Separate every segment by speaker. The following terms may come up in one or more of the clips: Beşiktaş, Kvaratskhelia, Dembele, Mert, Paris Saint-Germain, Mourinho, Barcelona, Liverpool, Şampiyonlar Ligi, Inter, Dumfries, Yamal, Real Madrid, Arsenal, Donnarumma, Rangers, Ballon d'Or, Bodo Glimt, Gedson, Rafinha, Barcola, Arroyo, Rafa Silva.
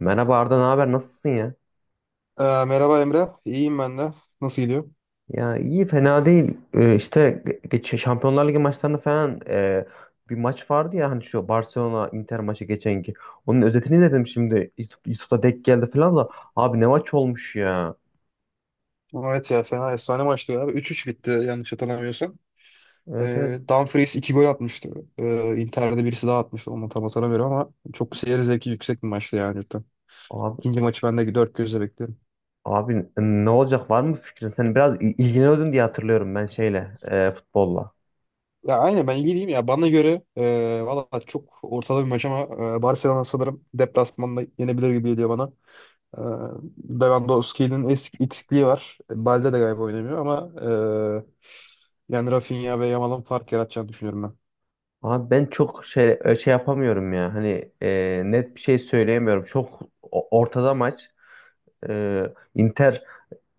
Speaker 1: Merhaba Arda, ne haber? Nasılsın ya?
Speaker 2: Merhaba Emre. İyiyim ben de. Nasıl gidiyor?
Speaker 1: Ya iyi, fena değil. İşte geç Şampiyonlar Ligi maçlarını falan bir maç vardı ya hani şu Barcelona Inter maçı geçenki. Onun özetini dedim şimdi. YouTube'da denk geldi falan da. Abi ne maç olmuş ya.
Speaker 2: Evet ya fena efsane maçtı ya. 3 bitti yanlış hatırlamıyorsam.
Speaker 1: Evet, evet.
Speaker 2: Dumfries 2 gol atmıştı. Inter'de birisi daha atmıştı. Onu tam hatırlamıyorum ama çok seyir zevki yüksek bir maçtı yani cidden.
Speaker 1: Abi,
Speaker 2: İkinci maçı ben de dört gözle bekliyorum.
Speaker 1: abi ne olacak, var mı fikrin? Sen biraz ilgileniyordun diye hatırlıyorum ben şeyle futbolla.
Speaker 2: Ya aynen ben ilgiliyim ya. Bana göre valla çok ortada bir maç ama Barcelona sanırım deplasmanda yenebilir gibi geliyor bana. Ee, Lewandowski'nin eksikliği var. Balde de galiba oynamıyor ama e, yani Rafinha ve Yamal'ın fark yaratacağını düşünüyorum
Speaker 1: Abi ben çok şey yapamıyorum ya. Hani net bir şey söyleyemiyorum. Çok ortada maç. Inter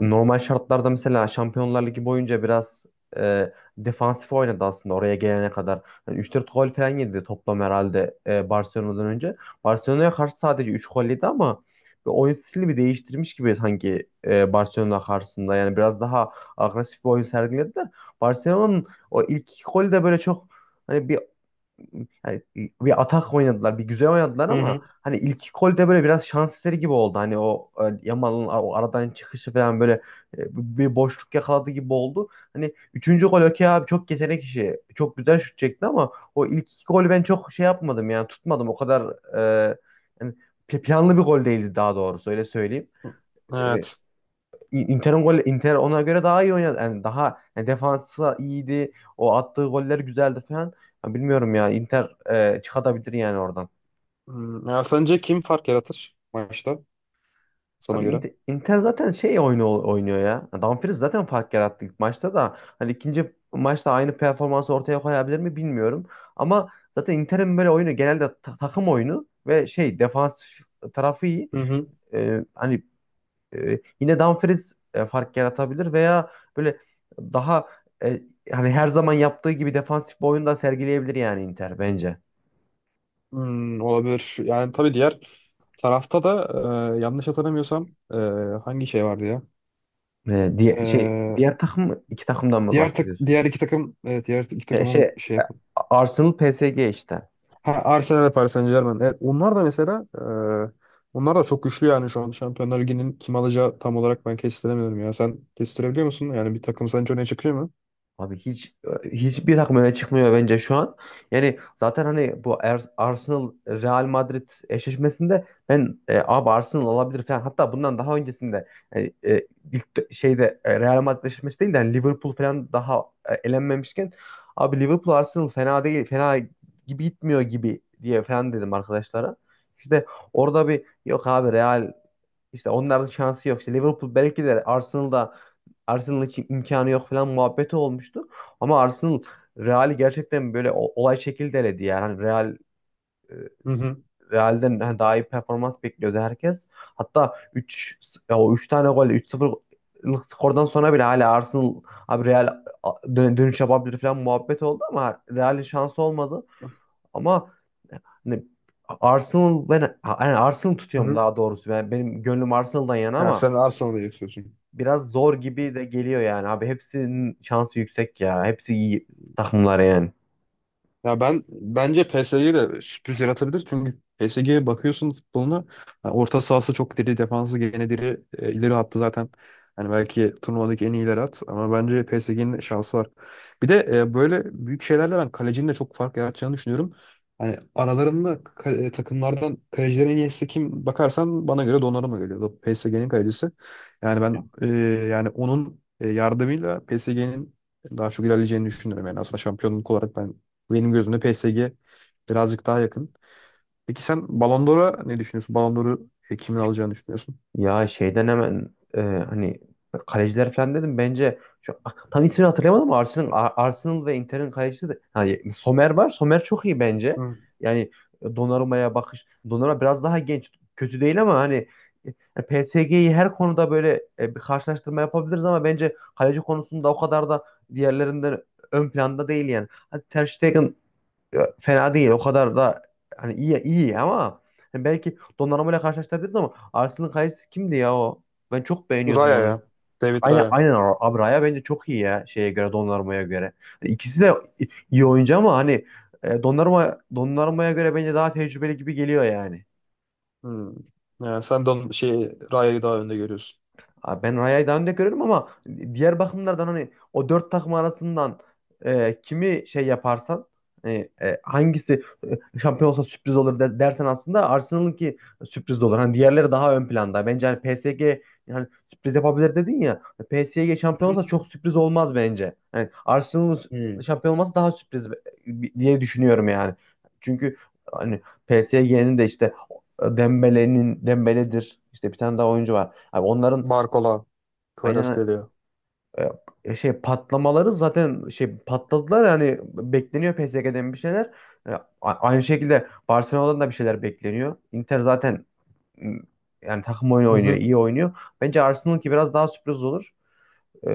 Speaker 1: normal şartlarda mesela Şampiyonlar Ligi boyunca biraz e, defansif oynadı aslında oraya gelene kadar. Yani 3-4 gol falan yedi toplam herhalde Barcelona'dan önce. Barcelona'ya karşı sadece 3 gol yedi ama bir oyun stilini bir değiştirmiş gibi sanki Barcelona karşısında. Yani biraz daha agresif bir oyun sergilediler. Barcelona'nın o ilk iki golü de böyle çok hani bir yani bir atak oynadılar, bir güzel oynadılar
Speaker 2: ben. Hı
Speaker 1: ama
Speaker 2: hı.
Speaker 1: hani ilk golde böyle biraz şans eseri gibi oldu. Hani o Yamal'ın o aradan çıkışı falan böyle bir boşluk yakaladı gibi oldu. Hani üçüncü gol okey abi çok yetenek işi. Çok güzel şut çekti ama o ilk iki golü ben çok şey yapmadım yani tutmadım. O kadar e, yani planlı bir gol değildi daha doğrusu öyle söyleyeyim. E,
Speaker 2: Evet.
Speaker 1: Inter ona göre daha iyi oynadı. Yani daha yani defansı iyiydi. O attığı goller güzeldi falan. Ya bilmiyorum ya Inter çıkartabilir yani oradan.
Speaker 2: Ya sence kim fark yaratır maçta sana
Speaker 1: Abi
Speaker 2: göre?
Speaker 1: Inter, Inter zaten şey oyunu oynuyor ya. Yani Dumfries zaten fark yarattı ilk maçta da. Hani ikinci maçta aynı performansı ortaya koyabilir mi bilmiyorum. Ama zaten Inter'in böyle oyunu genelde takım oyunu ve şey defans tarafı iyi.
Speaker 2: Hı hı.
Speaker 1: E, hani yine Dumfries fark yaratabilir veya böyle daha e, hani her zaman yaptığı gibi defansif bir oyun da sergileyebilir yani Inter bence.
Speaker 2: Olabilir. Yani tabii diğer tarafta da yanlış hatırlamıyorsam hangi şey vardı ya?
Speaker 1: E, diye, şey
Speaker 2: Ee,
Speaker 1: diğer iki takımdan mı
Speaker 2: diğer tak
Speaker 1: bahsediyorsun?
Speaker 2: diğer iki takım evet diğer iki
Speaker 1: E,
Speaker 2: takımın
Speaker 1: şey
Speaker 2: şey yapın.
Speaker 1: Arsenal PSG işte.
Speaker 2: Ha Arsenal ve Paris Saint-Germain. Evet onlar da mesela onlar da çok güçlü yani şu an Şampiyonlar Ligi'nin kim alacağı tam olarak ben kestiremiyorum ya. Sen kestirebiliyor musun? Yani bir takım sence öne çıkıyor mu?
Speaker 1: Abi hiçbir takım öne çıkmıyor bence şu an. Yani zaten hani bu Arsenal Real Madrid eşleşmesinde ben abi Arsenal alabilir falan. Hatta bundan daha öncesinde yani, ilk şeyde Real Madrid eşleşmesi değil de hani Liverpool falan daha elenmemişken abi Liverpool Arsenal fena değil fena gibi gitmiyor gibi diye falan dedim arkadaşlara. İşte orada bir yok abi Real işte onların şansı yok. İşte Liverpool belki de Arsenal'da Arsenal için imkanı yok falan muhabbeti olmuştu. Ama Arsenal Real'i gerçekten böyle olay şekilde eledi yani. Hani e,
Speaker 2: Hı hı.
Speaker 1: Real'den hani daha iyi performans bekliyordu herkes. Hatta 3 o üç tane gol üç 0lık skordan sonra bile hala Arsenal abi Real dönüş yapabilir falan muhabbet oldu ama Real'in şansı olmadı. Ama hani Arsenal ben Arsenal
Speaker 2: Hı
Speaker 1: tutuyorum
Speaker 2: hı.
Speaker 1: daha doğrusu. Benim gönlüm Arsenal'dan yana
Speaker 2: Ya
Speaker 1: ama
Speaker 2: sen Arsenal'ı yapıyorsun.
Speaker 1: biraz zor gibi de geliyor yani abi. Hepsinin şansı yüksek ya. Hepsi iyi takımlar yani.
Speaker 2: Ya ben bence PSG'ye de sürpriz yaratabilir. Çünkü PSG'ye bakıyorsun futboluna. Yani orta sahası çok diri, defansı gene diri. E, ileri hattı zaten. Hani belki turnuvadaki en iyiler at. Ama bence PSG'nin şansı var. Bir de böyle büyük şeylerle ben kalecinin de çok fark yaratacağını düşünüyorum. Hani aralarında takımlardan kalecilerin en iyisi kim bakarsan bana göre Donnarumma geliyor. PSG'nin kalecisi. Yani ben yani onun yardımıyla PSG'nin daha çok ilerleyeceğini düşünüyorum. Yani aslında şampiyonluk olarak benim gözümde PSG birazcık daha yakın. Peki sen Ballon d'Or'a ne düşünüyorsun? Ballon d'Or'u kimin alacağını düşünüyorsun?
Speaker 1: Ya şeyden hemen hani kaleciler falan dedim bence şu, tam ismini hatırlayamadım ama Arsenal, Arsenal ve Inter'in kalecisi de hani Somer var. Somer çok iyi bence.
Speaker 2: Hı.
Speaker 1: Yani Donnarumma'ya bakış. Donnarumma biraz daha genç. Kötü değil ama hani PSG'yi her konuda böyle bir karşılaştırma yapabiliriz ama bence kaleci konusunda o kadar da diğerlerinden ön planda değil yani. Hadi Ter Stegen, ya, fena değil. O kadar da hani iyi iyi ama hani belki Donnarumma ile karşılaştırabiliriz ama Arsenal'ın kalecisi kimdi ya o? Ben çok beğeniyordum
Speaker 2: Raya
Speaker 1: onu.
Speaker 2: ya. David
Speaker 1: Aynen,
Speaker 2: Raya.
Speaker 1: aynen. Abraya bence çok iyi ya şeye göre Donnarumma'ya göre. Hani İkisi de iyi oyuncu ama hani Donnarumma'ya göre bence daha tecrübeli gibi geliyor yani.
Speaker 2: Hı. Yani sen de onun, şey, Raya'yı daha önde görüyorsun.
Speaker 1: Abi ben Raya'yı daha önde görüyorum ama diğer bakımlardan hani o dört takım arasından kimi şey yaparsan hani, hangisi şampiyon olsa sürpriz olur dersen aslında Arsenal'ınki sürpriz de olur. Hani diğerleri daha ön planda. Bence hani PSG yani sürpriz yapabilir dedin ya. PSG şampiyon
Speaker 2: Hı hı.
Speaker 1: olsa çok sürpriz olmaz bence. Yani Arsenal'ın
Speaker 2: Hı.
Speaker 1: şampiyon olması daha sürpriz diye düşünüyorum yani. Çünkü hani PSG'nin de işte Dembele'dir. İşte bir tane daha oyuncu var. Abi onların...
Speaker 2: Barcola,
Speaker 1: Aynen,
Speaker 2: Kvaratskhelia geliyor.
Speaker 1: şey patlamaları zaten şey patladılar yani bekleniyor PSG'den bir şeyler. Aynı şekilde Barcelona'dan da bir şeyler bekleniyor. Inter zaten m, yani takım oyunu
Speaker 2: Hı
Speaker 1: oynuyor,
Speaker 2: hı.
Speaker 1: iyi oynuyor. Bence Arsenal'ınki biraz daha sürpriz olur. E,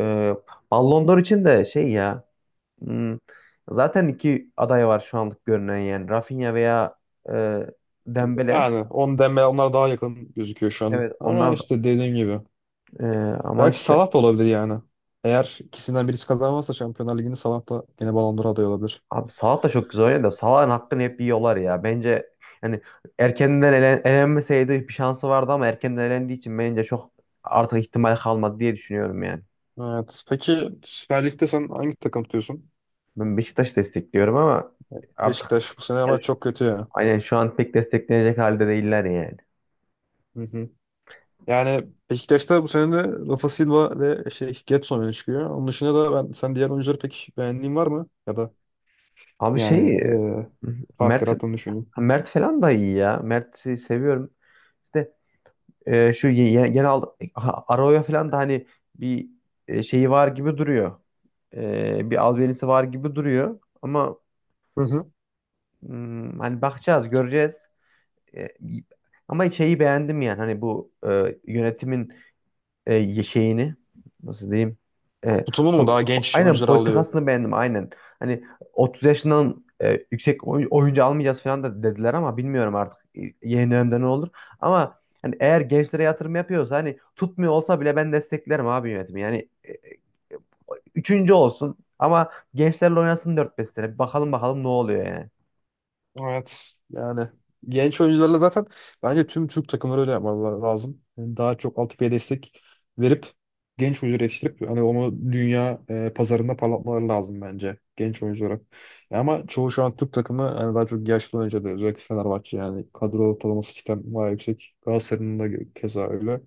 Speaker 1: Ballon d'Or için de şey ya hmm, zaten iki aday var şu anlık görünen yani Rafinha veya e, Dembele.
Speaker 2: Yani on deme onlar daha yakın gözüküyor şu an.
Speaker 1: Evet
Speaker 2: Ama
Speaker 1: onlar
Speaker 2: işte dediğim gibi.
Speaker 1: e, ama evet.
Speaker 2: Belki
Speaker 1: işte
Speaker 2: Salah da olabilir yani. Eğer ikisinden birisi kazanmazsa Şampiyonlar Ligi'ni Salah da gene Ballon d'Or adayı olabilir.
Speaker 1: Abi Salah da çok güzel oynadı da Salah'ın hakkını hep yiyorlar ya. Bence yani erkenden elen, elenmeseydi bir şansı vardı ama erkenden elendiği için bence çok artık ihtimal kalmadı diye düşünüyorum yani.
Speaker 2: Evet. Peki Süper Lig'de sen hangi takım tutuyorsun?
Speaker 1: Ben Beşiktaş destekliyorum ama artık
Speaker 2: Beşiktaş bu sene
Speaker 1: yani
Speaker 2: ama çok kötü ya.
Speaker 1: aynen şu an pek desteklenecek halde değiller yani.
Speaker 2: Hı hı. Yani Beşiktaş'ta bu sene de Rafa Silva ve şey Gedson öne çıkıyor. Onun dışında da sen diğer oyuncuları pek beğendiğin var mı? Ya da
Speaker 1: Abi
Speaker 2: yani
Speaker 1: şey.
Speaker 2: fark
Speaker 1: Mert
Speaker 2: yarattığını düşünüyorum.
Speaker 1: Mert falan da iyi ya. Mert'i seviyorum. İşte şu genel, ha, Arroyo falan da hani bir şeyi var gibi duruyor. Bir albenisi var gibi duruyor. Ama
Speaker 2: Hı hı.
Speaker 1: hani bakacağız, göreceğiz. E, ama şeyi beğendim yani hani bu yönetimin e, şeyini nasıl diyeyim e,
Speaker 2: Tutumun mu daha
Speaker 1: pop,
Speaker 2: genç
Speaker 1: aynen
Speaker 2: oyuncular alıyor?
Speaker 1: politikasını beğendim aynen. Hani 30 yaşından yüksek oyuncu almayacağız falan da dediler ama bilmiyorum artık yeni dönemde ne olur. Ama hani eğer gençlere yatırım yapıyorsa hani tutmuyor olsa bile ben desteklerim abi yönetimi. Yani üçüncü olsun ama gençlerle oynasın dört 5 sene. Bakalım, bakalım ne oluyor yani.
Speaker 2: Evet. Yani genç oyuncularla zaten bence tüm Türk takımları öyle yapmaları lazım. Yani daha çok altyapıya destek verip genç oyuncuları yetiştirip hani onu dünya pazarında parlatmaları lazım bence genç oyunculara. Ama çoğu şu an Türk takımı hani daha çok yaşlı oyuncu alıyor. Özellikle Fenerbahçe yani kadro ortalaması cidden bayağı yüksek. Galatasaray'ın da keza öyle.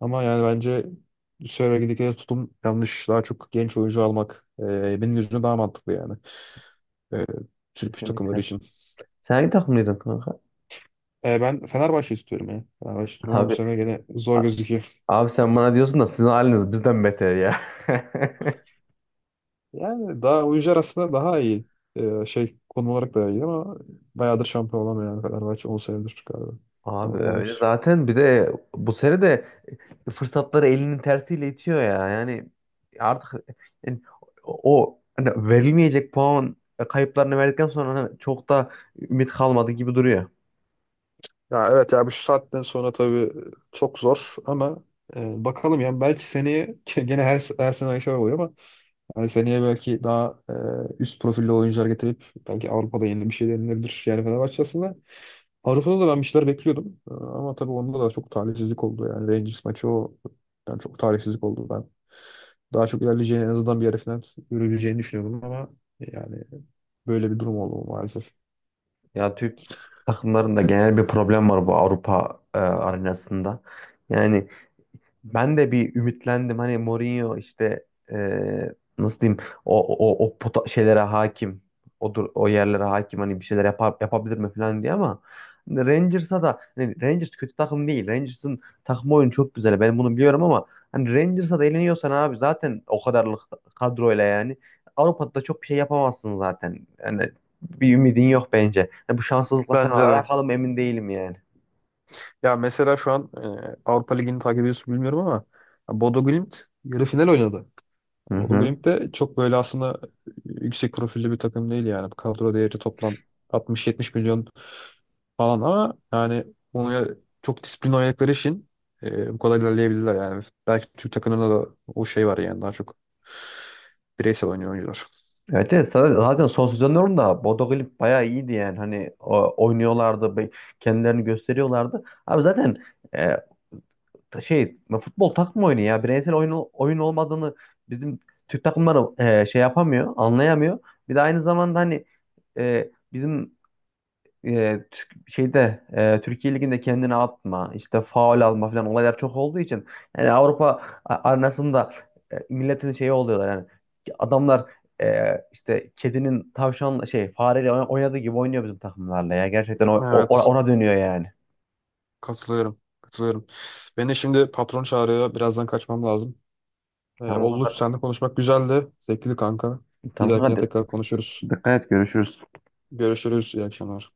Speaker 2: Ama yani bence söyledikleri tutum yanlış. Daha çok genç oyuncu almak benim gözümde daha mantıklı yani. E, Türk takımları
Speaker 1: Kesinlikle.
Speaker 2: için.
Speaker 1: Sen hangi takımlıydın kanka?
Speaker 2: Ben Fenerbahçe istiyorum ya. Fenerbahçe istiyorum ama bu
Speaker 1: Abi,
Speaker 2: sene gene zor gözüküyor.
Speaker 1: abi sen bana diyorsun da sizin haliniz bizden beter ya.
Speaker 2: Yani daha oyuncu aslında daha iyi. Şey konum olarak da iyi ama bayağıdır şampiyon olamıyor yani Fenerbahçe 10 senedir galiba.
Speaker 1: Abi öyle
Speaker 2: 13.
Speaker 1: zaten bir de bu sene de fırsatları elinin tersiyle itiyor ya. Yani artık yani o hani verilmeyecek puan kayıplarını verdikten sonra hani çok da ümit kalmadı gibi duruyor.
Speaker 2: Ya evet ya bu şu saatten sonra tabii çok zor ama bakalım yani belki seneye gene her sene aynı şey oluyor ama yani seneye belki daha üst profilli oyuncular getirip belki Avrupa'da yeni bir şey denilebilir. Yani Fenerbahçe aslında Avrupa'da da ben bir şeyler bekliyordum. Ama tabii onda da çok talihsizlik oldu. Yani Rangers maçı o yani çok talihsizlik oldu. Ben daha çok ilerleyeceğini en azından bir yarı final yürüyeceğini düşünüyordum ama yani böyle bir durum oldu maalesef.
Speaker 1: Ya Türk takımlarında genel bir problem var bu Avrupa arenasında. Yani ben de bir ümitlendim. Hani Mourinho işte eee, nasıl diyeyim o şeylere hakim. O dur o yerlere hakim hani bir şeyler yapar, yapabilir mi falan diye ama hani Rangers'a da hani Rangers kötü takım değil. Rangers'ın takım oyunu çok güzel. Ben bunu biliyorum ama hani Rangers'a da eğleniyorsan abi zaten o kadarlık kadroyla yani Avrupa'da da çok bir şey yapamazsın zaten. Yani bir ümidin yok bence. Yani bu şanssızlıkla
Speaker 2: Bence
Speaker 1: falan
Speaker 2: de.
Speaker 1: alakalı mı emin değilim yani.
Speaker 2: Ya mesela şu an Avrupa Ligi'ni takip ediyorsun bilmiyorum ama ya Bodo Glimt yarı final oynadı.
Speaker 1: Hı
Speaker 2: Yani Bodo
Speaker 1: hı.
Speaker 2: Glimt de çok böyle aslında yüksek profilli bir takım değil yani. Kadro değeri toplam 60-70 milyon falan ama yani onu çok disiplinli oynadıkları için bu kadar ilerleyebilirler yani. Belki Türk takımında da o şey var yani daha çok bireysel oynuyor oyuncular.
Speaker 1: Evet, evet zaten son sezonların da Bodo Glimt bayağı iyiydi yani hani oynuyorlardı, kendilerini gösteriyorlardı. Abi zaten e, ta- şey futbol takım oyunu ya bireysel oyun olmadığını bizim Türk takımları şey yapamıyor anlayamıyor. Bir de aynı zamanda hani bizim Türkiye Ligi'nde kendini atma, işte faul alma falan olaylar çok olduğu için yani Avrupa arenasında milletin şeyi oluyorlar yani adamlar işte kedinin tavşan şey fareyle oynadığı gibi oynuyor bizim takımlarla ya gerçekten
Speaker 2: Evet,
Speaker 1: ona dönüyor yani.
Speaker 2: katılıyorum. Katılıyorum. Beni şimdi patron çağırıyor. Birazdan kaçmam lazım.
Speaker 1: Tamam
Speaker 2: Ollu
Speaker 1: kanka,
Speaker 2: seninle konuşmak güzeldi. Zevkli kanka. Bir
Speaker 1: tamam
Speaker 2: dahakine
Speaker 1: kanka,
Speaker 2: tekrar konuşuruz.
Speaker 1: dikkat et görüşürüz.
Speaker 2: Görüşürüz. İyi akşamlar.